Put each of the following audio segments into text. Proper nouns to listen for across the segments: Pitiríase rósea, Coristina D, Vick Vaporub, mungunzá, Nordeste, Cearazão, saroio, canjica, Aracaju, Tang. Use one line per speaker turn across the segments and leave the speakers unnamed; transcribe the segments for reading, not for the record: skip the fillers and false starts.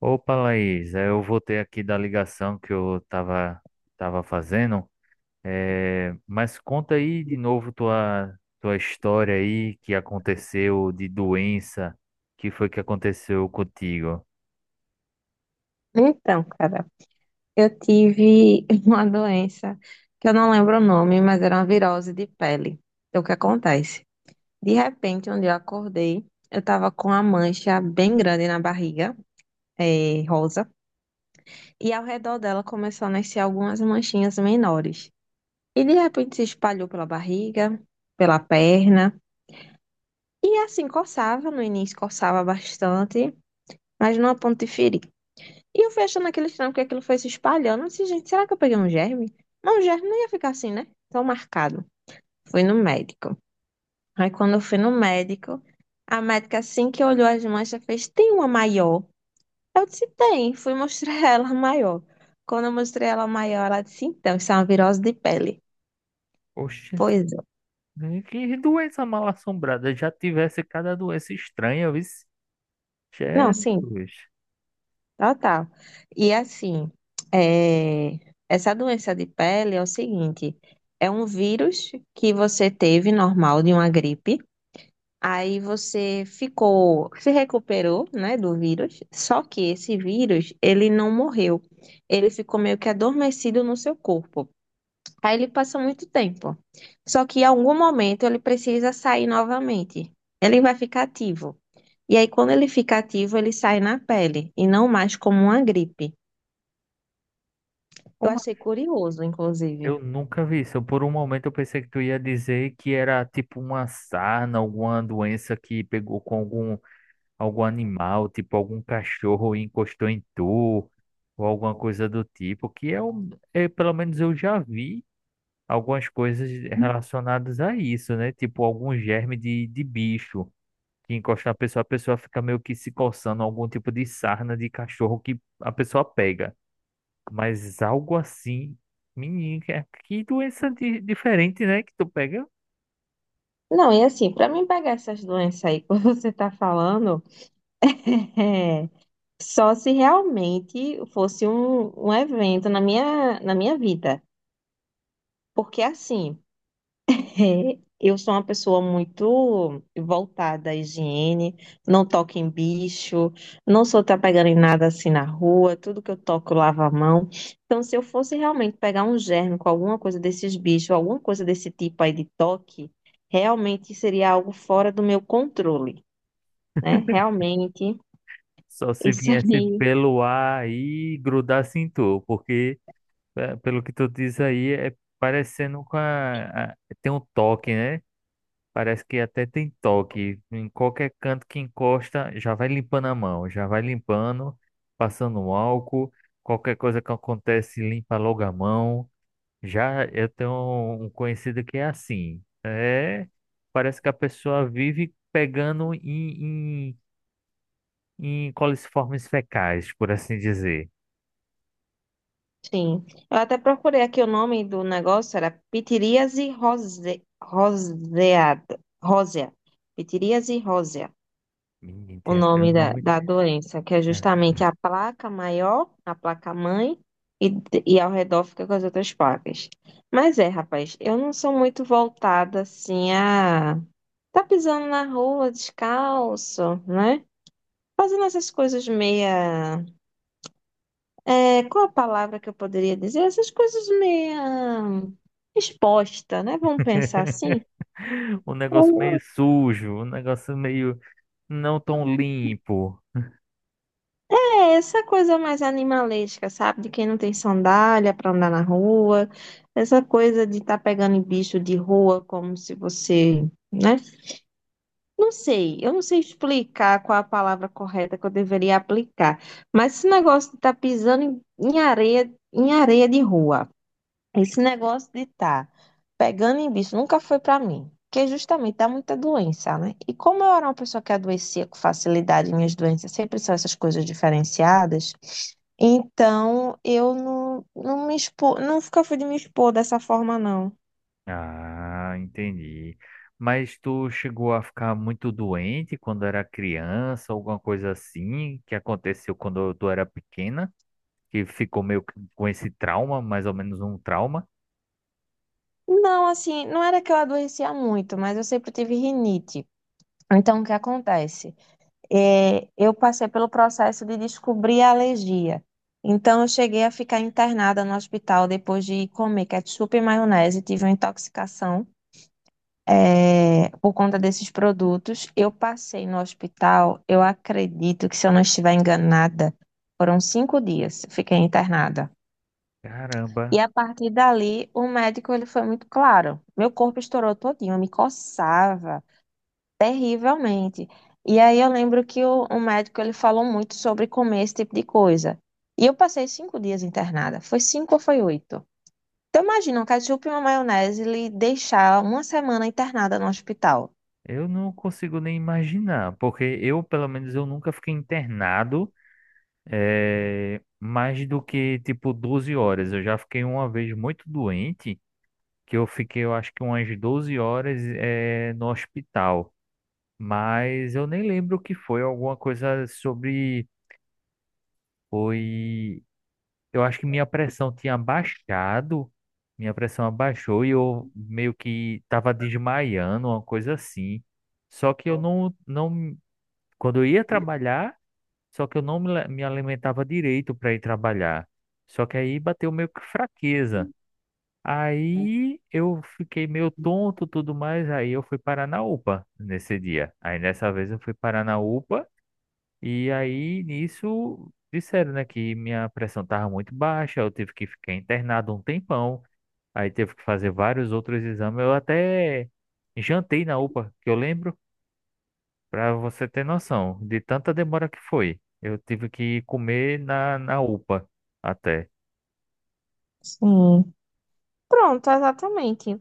Opa, Laís, eu voltei aqui da ligação que eu tava fazendo. Mas conta aí de novo tua história aí que aconteceu de doença, que foi que aconteceu contigo?
Então, cara, eu tive uma doença que eu não lembro o nome, mas era uma virose de pele. Então, o que acontece? De repente, um dia eu acordei, eu tava com uma mancha bem grande na barriga, rosa, e ao redor dela começou a nascer algumas manchinhas menores. E de repente se espalhou pela barriga, pela perna, e assim coçava, no início coçava bastante, mas não a ponto de ferir. E eu fui achando aquele estranho porque aquilo foi se espalhando. Eu disse, gente, será que eu peguei um germe? Mas o germe não ia ficar assim, né? Tão marcado. Fui no médico. Aí quando eu fui no médico, a médica assim que olhou as manchas fez, tem uma maior? Eu disse, tem. Fui mostrar ela a maior. Quando eu mostrei ela a maior, ela disse, então, isso é uma virose de pele.
Oxente,
Pois é.
né, que doença mal assombrada, já tivesse cada doença estranha, viu?
Não, sim,
Jesus,
total. E assim, é, essa doença de pele é o seguinte, é um vírus que você teve normal de uma gripe. Aí você ficou, se recuperou, né, do vírus. Só que esse vírus, ele não morreu. Ele ficou meio que adormecido no seu corpo. Aí ele passa muito tempo. Só que em algum momento ele precisa sair novamente. Ele vai ficar ativo. E aí quando ele fica ativo, ele sai na pele e não mais como uma gripe. Eu
como
achei
assim?
curioso, inclusive.
Eu nunca vi isso. Por um momento eu pensei que tu ia dizer que era tipo uma sarna, alguma doença que pegou com algum animal, tipo algum cachorro encostou em tu, ou alguma coisa do tipo, é, pelo menos eu já vi algumas coisas relacionadas a isso, né? Tipo algum germe de bicho que encosta na pessoa, a pessoa fica meio que se coçando, algum tipo de sarna de cachorro que a pessoa pega. Mas algo assim, menino, que doença diferente, né? Que tu pega.
Não, e assim, para mim pegar essas doenças aí que você tá falando, só se realmente fosse um evento na minha vida. Porque assim, é, eu sou uma pessoa muito voltada à higiene, não toco em bicho, não sou tá pegando em nada assim na rua, tudo que eu toco eu lavo a mão. Então, se eu fosse realmente pegar um germe com alguma coisa desses bichos, alguma coisa desse tipo aí de toque, realmente seria algo fora do meu controle, né? Realmente,
Só se
isso
viesse
aí.
pelo ar e grudasse em tu, porque é. Pelo que tu diz aí, é parecendo com tem um toque, né? Parece que até tem toque. Em qualquer canto que encosta, já vai limpando a mão, já vai limpando, passando um álcool. Qualquer coisa que acontece, limpa logo a mão. Já eu tenho um conhecido que é assim. É, parece que a pessoa vive pegando em coliformes fecais, por assim dizer.
Sim. Eu até procurei aqui o nome do negócio, era pitiríase rose, roseada, rósea. Pitiríase rósea.
Menino,
O
tem até um
nome da,
nome.
da doença, que é
É,
justamente a placa maior, a placa mãe, e, e ao redor fica com as outras placas. Mas é, rapaz, eu não sou muito voltada assim a. Tá pisando na rua descalço, né? Fazendo essas coisas meia. É, qual a palavra que eu poderia dizer? Essas coisas meia exposta, né? Vamos pensar assim.
um negócio meio
Eu
sujo, um negócio meio não tão limpo.
é essa coisa mais animalesca, sabe? De quem não tem sandália para andar na rua, essa coisa de estar pegando em bicho de rua como se você, né? Não sei, eu não sei explicar qual a palavra correta que eu deveria aplicar, mas esse negócio de estar pisando em areia, em areia de rua. Esse negócio de estar pegando em bicho nunca foi pra mim, porque justamente dá muita doença, né? E como eu era uma pessoa que adoecia com facilidade, minhas doenças sempre são essas coisas diferenciadas, então eu não, não me expo, nunca fui de me expor dessa forma, não.
Ah, entendi. Mas tu chegou a ficar muito doente quando era criança, alguma coisa assim que aconteceu quando tu era pequena, que ficou meio que com esse trauma, mais ou menos um trauma?
Não, assim, não era que eu adoecia muito, mas eu sempre tive rinite. Então, o que acontece? É, eu passei pelo processo de descobrir a alergia. Então, eu cheguei a ficar internada no hospital depois de comer ketchup e maionese, tive uma intoxicação, é, por conta desses produtos. Eu passei no hospital, eu acredito que, se eu não estiver enganada, foram 5 dias, eu fiquei internada. E a
Caramba,
partir dali, o médico ele foi muito claro. Meu corpo estourou todinho, eu me coçava. Terrivelmente. E aí eu lembro que o médico ele falou muito sobre comer esse tipo de coisa. E eu passei 5 dias internada. Foi cinco ou foi 8? Então imagina um ketchup e uma maionese lhe deixar uma semana internada no hospital.
eu não consigo nem imaginar, porque eu, pelo menos, eu nunca fiquei internado mais do que tipo 12 horas. Eu já fiquei uma vez muito doente, que eu fiquei, eu acho que umas 12 horas no hospital. Mas eu nem lembro o que foi, alguma coisa sobre. Foi. Eu acho que minha pressão tinha baixado, minha pressão abaixou e eu meio que estava desmaiando, uma coisa assim. Só que eu não, não, quando eu ia trabalhar, só que eu não me alimentava direito para ir trabalhar. Só que aí bateu meio que fraqueza. Aí eu fiquei meio tonto, tudo mais. Aí eu fui parar na UPA nesse dia. Aí dessa vez eu fui parar na UPA. E aí nisso disseram, né, que minha pressão estava muito baixa. Eu tive que ficar internado um tempão. Aí teve que fazer vários outros exames. Eu até jantei na UPA, que eu lembro. Para você ter noção de tanta demora que foi. Eu tive que comer na UPA até.
Sim. Pronto, exatamente.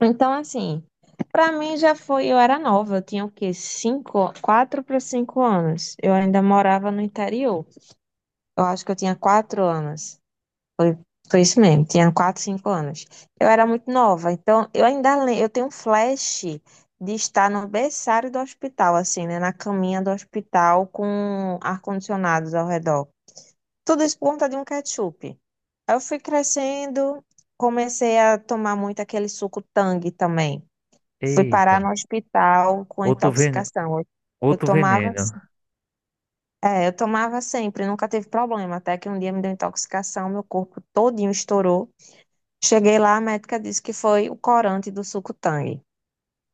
Então assim, pra mim já foi. Eu era nova, eu tinha o quê? Cinco, 4 para 5 anos. Eu ainda morava no interior. Eu acho que eu tinha 4 anos. Foi isso mesmo, tinha 4 5 anos. Eu era muito nova, então eu ainda lembro, eu tenho um flash de estar no berçário do hospital, assim, né? Na caminha do hospital com ar-condicionados ao redor. Tudo isso por conta de um ketchup. Aí eu fui crescendo, comecei a tomar muito aquele suco Tang também. Fui parar
Eita,
no hospital com
outro veneno,
intoxicação. Eu
outro
tomava,
veneno.
é, eu tomava sempre, nunca teve problema, até que um dia me deu intoxicação, meu corpo todinho estourou. Cheguei lá, a médica disse que foi o corante do suco Tang.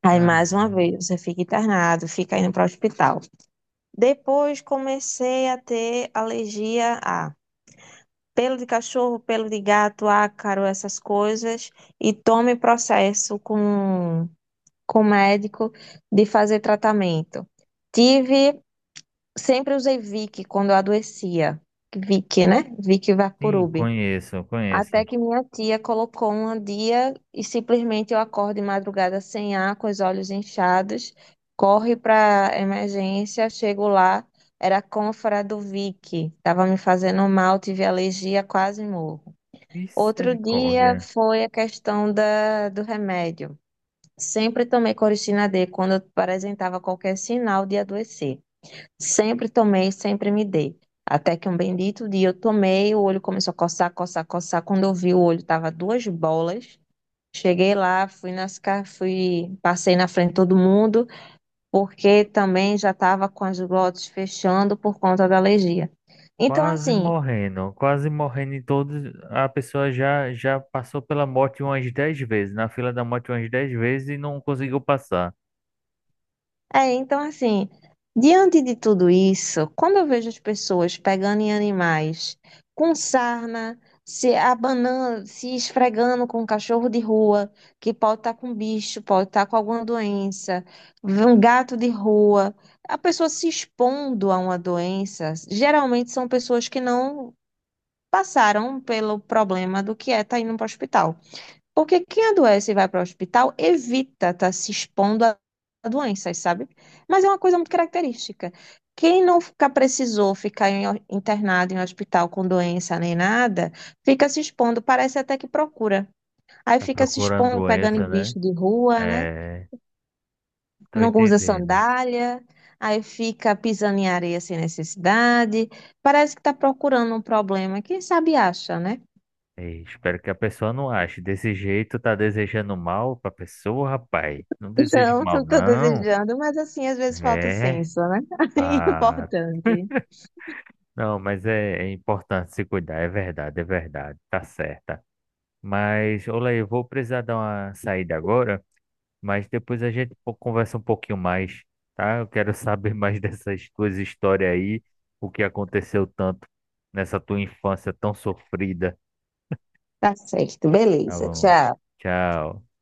Aí,
Ah,
mais uma vez, você fica internado, fica indo para o hospital. Depois, comecei a ter alergia a pelo de cachorro, pelo de gato, ácaro, essas coisas. E tome processo com o médico de fazer tratamento. Tive, sempre usei Vick quando eu adoecia. Vick, né? Vick
sim,
Vaporub.
conheço,
Até
conheço.
que minha tia colocou um dia e simplesmente eu acordo de madrugada sem ar, com os olhos inchados, corre para emergência, chego lá, era a cânfora do Vick, estava me fazendo mal, tive alergia, quase morro. Outro dia
Misericórdia.
foi a questão da, do remédio. Sempre tomei Coristina D quando apresentava qualquer sinal de adoecer. Sempre tomei, sempre me dei. Até que um bendito dia eu tomei, o olho começou a coçar, coçar, coçar. Quando eu vi, o olho tava duas bolas. Cheguei lá, fui nas, fui, passei na frente de todo mundo, porque também já tava com as glotes fechando por conta da alergia. Então, assim,
Quase morrendo em todos. A pessoa já passou pela morte umas 10 vezes, na fila da morte umas 10 vezes e não conseguiu passar.
é, então assim, diante de tudo isso, quando eu vejo as pessoas pegando em animais com sarna, se abanando, se esfregando com um cachorro de rua, que pode estar com bicho, pode estar com alguma doença, um gato de rua, a pessoa se expondo a uma doença, geralmente são pessoas que não passaram pelo problema do que é estar indo para o hospital. Porque quem adoece e vai para o hospital evita estar se expondo a doenças, sabe? Mas é uma coisa muito característica. Quem não fica, precisou ficar em internado em hospital com doença nem nada, fica se expondo, parece até que procura. Aí
Tá
fica se
procurando
expondo, pegando em
doença, né?
bicho de rua, né?
É, tô
Não usa
entendendo.
sandália, aí fica pisando em areia sem necessidade. Parece que está procurando um problema. Quem sabe acha, né?
Ei, espero que a pessoa não ache. Desse jeito, tá desejando mal pra pessoa, rapaz. Não deseje
Não,
mal,
não estou
não.
desejando, mas assim, às vezes falta o
É.
senso, né? É
Ah,
importante.
não, mas é importante se cuidar, é verdade, é verdade. Tá certa. Mas, olha aí, eu vou precisar dar uma saída agora, mas depois a gente conversa um pouquinho mais, tá? Eu quero saber mais dessas tuas histórias aí, o que aconteceu tanto nessa tua infância tão sofrida.
Tá certo,
Tá
beleza.
bom.
Tchau.
Tchau.